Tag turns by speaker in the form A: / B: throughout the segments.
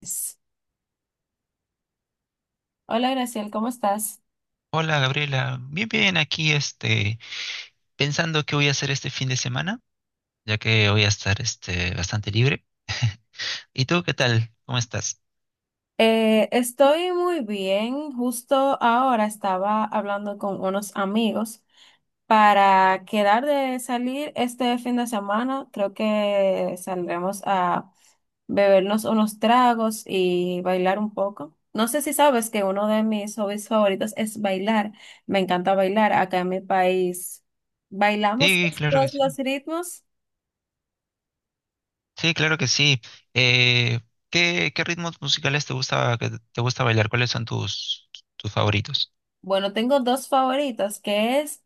A: Yes. Hola Graciel, ¿cómo estás?
B: Hola Gabriela, bien bien aquí este pensando qué voy a hacer este fin de semana, ya que voy a estar este bastante libre. ¿Y tú qué tal? ¿Cómo estás?
A: Estoy muy bien. Justo ahora estaba hablando con unos amigos para quedar de salir este fin de semana. Creo que saldremos a bebernos unos tragos y bailar un poco. No sé si sabes que uno de mis hobbies favoritos es bailar. Me encanta bailar. Acá en mi país bailamos
B: Sí, claro que
A: todos
B: sí.
A: los ritmos.
B: Sí, claro que sí. Eh, ¿qué ritmos musicales te gusta bailar? ¿Cuáles son tus favoritos?
A: Bueno, tengo dos favoritos, que es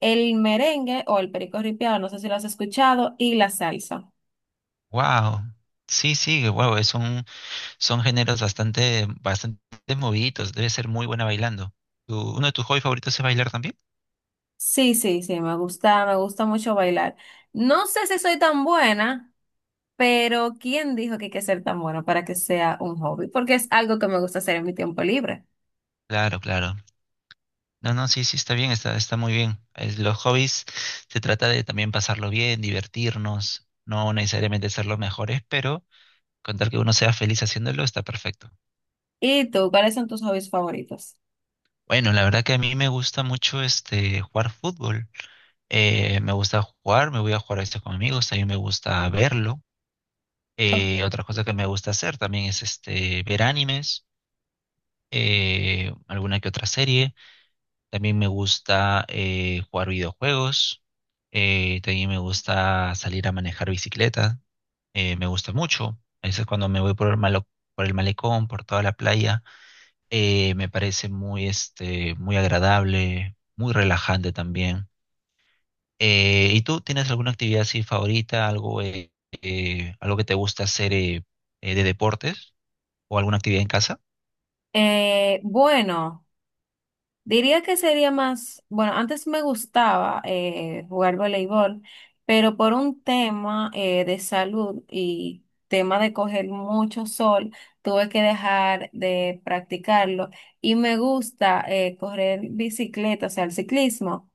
A: el merengue o el perico ripiado, no sé si lo has escuchado, y la salsa.
B: Wow. Sí, sí, wow, son géneros bastante moviditos, debe ser muy buena bailando. Uno de tus hobbies favoritos es bailar también?
A: Sí, sí, sí, me gusta mucho bailar. No sé si soy tan buena, pero ¿quién dijo que hay que ser tan buena para que sea un hobby? Porque es algo que me gusta hacer en mi tiempo libre.
B: Claro, claro. No, no, sí, sí, está bien, está, está muy bien. Los hobbies se trata de también pasarlo bien, divertirnos, no necesariamente ser los mejores, pero con tal que uno sea feliz haciéndolo, está perfecto.
A: ¿Y tú, cuáles son tus hobbies favoritos?
B: Bueno, la verdad que a mí me gusta mucho este jugar fútbol. Me gusta jugar, me voy a jugar esto con amigos, también me gusta verlo. Otra cosa que me gusta hacer también es este ver animes, alguna que otra serie. También me gusta jugar videojuegos. También me gusta salir a manejar bicicleta. Me gusta mucho. A veces cuando me voy por el malecón, por toda la playa, me parece muy, este, muy agradable, muy relajante también. ¿Y tú tienes alguna actividad así favorita, algo, algo que te gusta hacer de deportes o alguna actividad en casa?
A: Bueno. Diría que sería más, bueno, antes me gustaba jugar voleibol, pero por un tema de salud y tema de coger mucho sol, tuve que dejar de practicarlo y me gusta correr bicicleta, o sea, el ciclismo,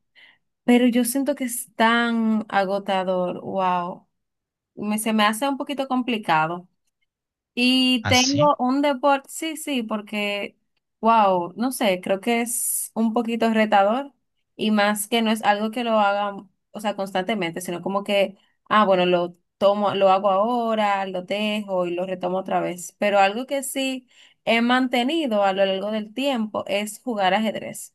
A: pero yo siento que es tan agotador, wow, se me hace un poquito complicado. Y
B: Así.
A: tengo un deporte, sí, sí, porque, wow, no sé, creo que es un poquito retador y más que no es algo que lo haga, o sea, constantemente, sino como que, ah, bueno, lo tomo, lo hago ahora, lo dejo y lo retomo otra vez. Pero algo que sí he mantenido a lo largo del tiempo es jugar ajedrez.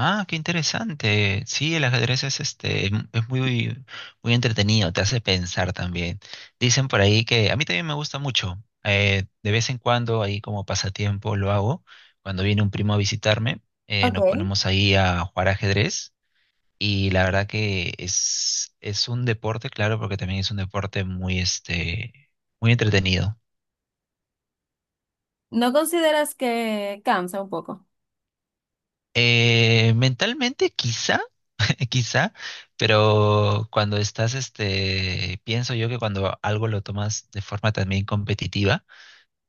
B: Ah, qué interesante. Sí, el ajedrez es es muy, muy entretenido, te hace pensar también. Dicen por ahí que a mí también me gusta mucho. De vez en cuando, ahí como pasatiempo lo hago. Cuando viene un primo a visitarme, nos
A: Okay.
B: ponemos ahí a jugar ajedrez. Y la verdad que es un deporte, claro, porque también es un deporte muy, este, muy entretenido.
A: ¿No consideras que cansa un poco?
B: Mentalmente, quizá. Quizá, pero cuando estás, este, pienso yo que cuando algo lo tomas de forma también competitiva,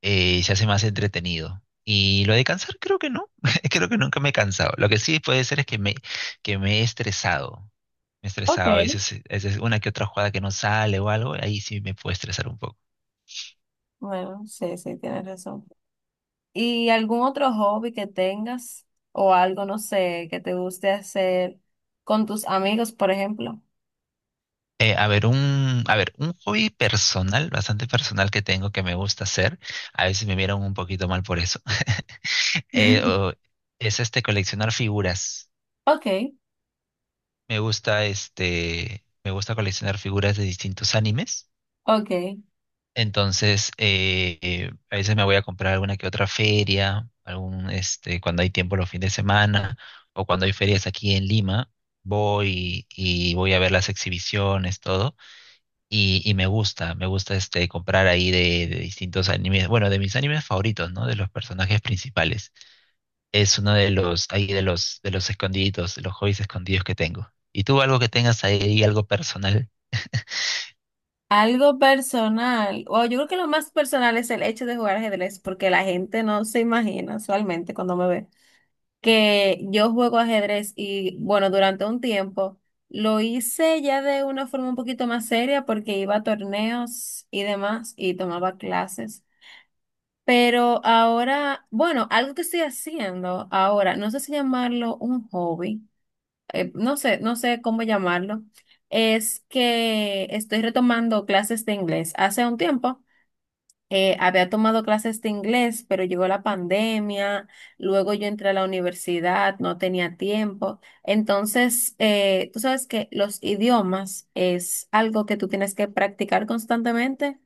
B: se hace más entretenido. Y lo de cansar, creo que no, creo que nunca me he cansado. Lo que sí puede ser es que me he estresado. Me he estresado
A: Okay.
B: a veces una que otra jugada que no sale o algo, ahí sí me puede estresar un poco.
A: Bueno, sí, sí, tienes razón. ¿Y algún otro hobby que tengas o algo, no sé, que te guste hacer con tus amigos, por ejemplo?
B: A ver, un hobby personal, bastante personal que tengo que me gusta hacer. A veces me vieron un poquito mal por eso. eh, o- es este coleccionar figuras.
A: Ok,
B: Me gusta este, me gusta coleccionar figuras de distintos animes.
A: ok.
B: Entonces, a veces me voy a comprar alguna que otra feria, algún este, cuando hay tiempo los fines de semana o cuando hay ferias aquí en Lima, voy a ver las exhibiciones, todo. Y me gusta este comprar ahí de distintos animes, bueno, de mis animes favoritos, ¿no? De los personajes principales. Es uno de los, ahí de los escondiditos, de los hobbies escondidos que tengo. ¿Y tú algo que tengas ahí, algo personal?
A: Algo personal, o yo creo que lo más personal es el hecho de jugar ajedrez, porque la gente no se imagina usualmente cuando me ve que yo juego ajedrez y bueno, durante un tiempo lo hice ya de una forma un poquito más seria porque iba a torneos y demás y tomaba clases. Pero ahora, bueno, algo que estoy haciendo ahora, no sé si llamarlo un hobby, no sé, no sé cómo llamarlo, es que estoy retomando clases de inglés. Hace un tiempo había tomado clases de inglés, pero llegó la pandemia, luego yo entré a la universidad, no tenía tiempo. Entonces, tú sabes que los idiomas es algo que tú tienes que practicar constantemente.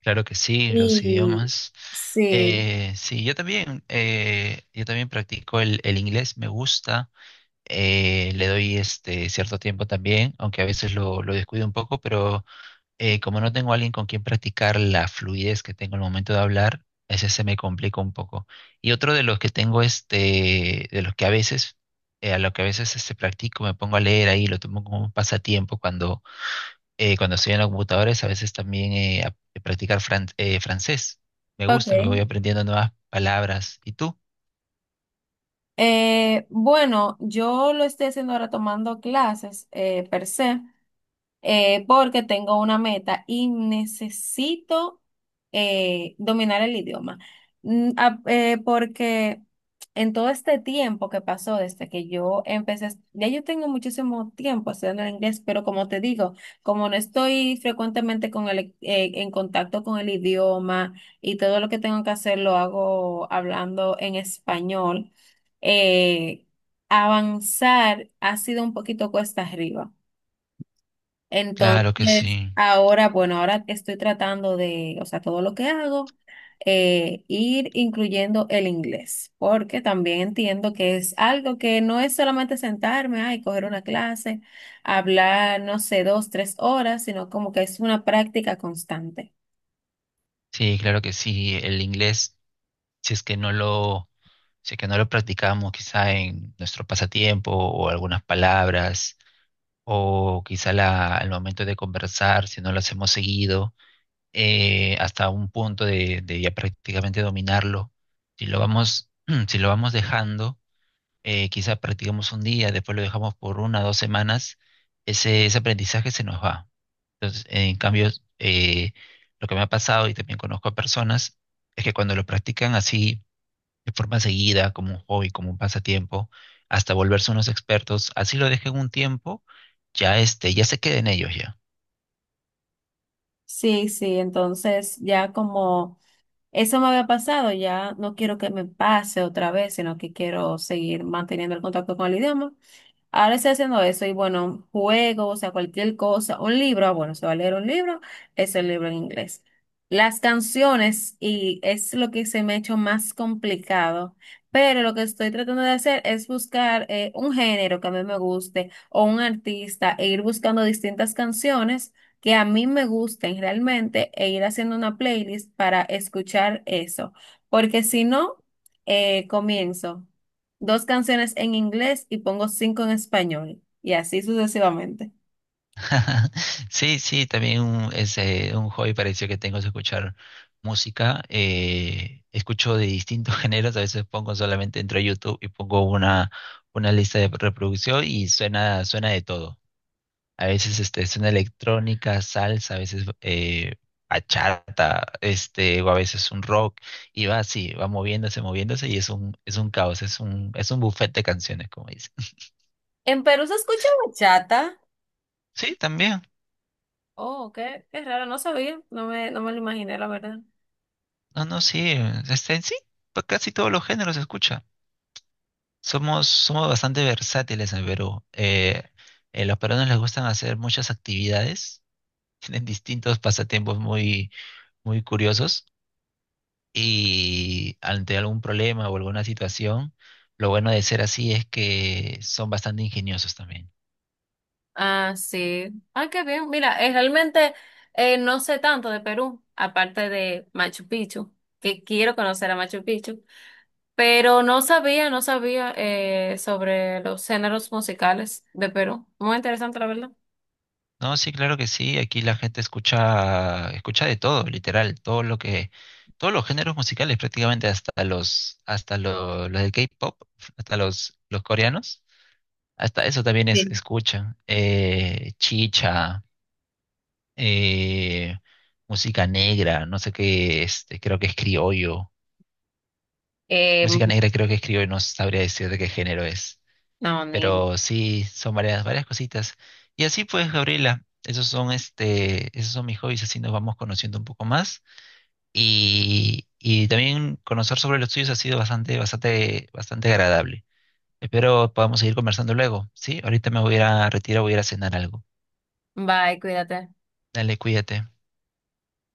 B: Claro que sí, los
A: Y
B: idiomas.
A: sí,
B: Eh, sí, yo también practico el inglés, me gusta. Le doy este cierto tiempo también, aunque a veces lo descuido un poco, pero como no tengo alguien con quien practicar la fluidez que tengo al momento de hablar, ese se me complica un poco. Y otro de los que tengo, este, de los que a veces, a lo que a veces este, practico, me pongo a leer ahí, lo tomo como un pasatiempo cuando, cuando estoy en los computadores, a veces también practicar francés. Me
A: ok.
B: gusta, me voy aprendiendo nuevas palabras. ¿Y tú?
A: Bueno, yo lo estoy haciendo ahora tomando clases per se porque tengo una meta y necesito dominar el idioma. Porque en todo este tiempo que pasó desde que yo empecé, ya yo tengo muchísimo tiempo estudiando el inglés, pero como te digo, como no estoy frecuentemente con en contacto con el idioma y todo lo que tengo que hacer lo hago hablando en español, eh, avanzar ha sido un poquito cuesta arriba.
B: Claro que sí.
A: Entonces, ahora, bueno, ahora estoy tratando de, o sea, todo lo que hago, ir incluyendo el inglés, porque también entiendo que es algo que no es solamente sentarme, ay, coger una clase, hablar, no sé, dos, tres horas, sino como que es una práctica constante.
B: Sí, claro que sí. El inglés, si es que no lo Si es que no lo practicamos quizá en nuestro pasatiempo o algunas palabras, o quizá al momento de conversar, si no lo hacemos seguido, hasta un punto de ya prácticamente dominarlo, si lo vamos, si lo vamos dejando, quizá practicamos un día, después lo dejamos por una o dos semanas, ese aprendizaje se nos va. Entonces, en cambio, eh, lo que me ha pasado y también conozco a personas es que cuando lo practican así, de forma seguida, como un hobby, como un pasatiempo, hasta volverse unos expertos, así lo dejen un tiempo, ya este, ya se queden ellos ya.
A: Sí, sí, entonces ya como eso me había pasado, ya no quiero que me pase otra vez, sino que quiero seguir manteniendo el contacto con el idioma. Ahora estoy haciendo eso y bueno, juego, o sea, cualquier cosa, un libro, ah, bueno, se va a leer un libro, es el libro en inglés. Las canciones, y es lo que se me ha hecho más complicado, pero lo que estoy tratando de hacer es buscar un género que a mí me guste o un artista e ir buscando distintas canciones que a mí me gusten realmente e ir haciendo una playlist para escuchar eso, porque si no, comienzo dos canciones en inglés y pongo cinco en español. Y así sucesivamente.
B: Sí, sí, también un hobby parecido que tengo es escuchar música. Escucho de distintos géneros, a veces pongo solamente entro a YouTube y pongo una lista de reproducción y suena, suena de todo. A veces este, suena electrónica, salsa, a veces bachata, este, o a veces un rock, y va así, va moviéndose, moviéndose, y es es un caos, es es un buffet de canciones, como dicen.
A: En Perú se escucha bachata.
B: Sí, también.
A: Oh, qué, qué raro, no sabía, no me lo imaginé, la verdad.
B: No, no, sí. Este, en sí, pues casi todos los géneros se escucha. Somos, somos bastante versátiles en Perú. Los peruanos les gustan hacer muchas actividades, tienen distintos pasatiempos muy, muy curiosos. Y ante algún problema o alguna situación, lo bueno de ser así es que son bastante ingeniosos también.
A: Ah, sí. Ah, qué bien. Mira, realmente no sé tanto de Perú, aparte de Machu Picchu, que quiero conocer a Machu Picchu, pero no sabía, no sabía sobre los géneros musicales de Perú. Muy interesante, la verdad.
B: No, sí, claro que sí, aquí la gente escucha, escucha de todo, literal, todos los géneros musicales prácticamente, hasta los, los del K-pop, hasta los coreanos, hasta eso también es,
A: Sí.
B: escuchan, chicha, eh, música negra, no sé qué, este, creo que es criollo.
A: Eh,
B: Música negra creo que escribo y no sabría decir de qué género es.
A: no, ni.
B: Pero sí, son varias, varias cositas. Y así pues, Gabriela, esos son este, esos son mis hobbies, así nos vamos conociendo un poco más. Y también conocer sobre los tuyos ha sido bastante, bastante, bastante agradable. Espero podamos seguir conversando luego, ¿sí? Ahorita me voy a ir a retirar, voy a ir a cenar algo.
A: Bye, cuídate.
B: Dale, cuídate.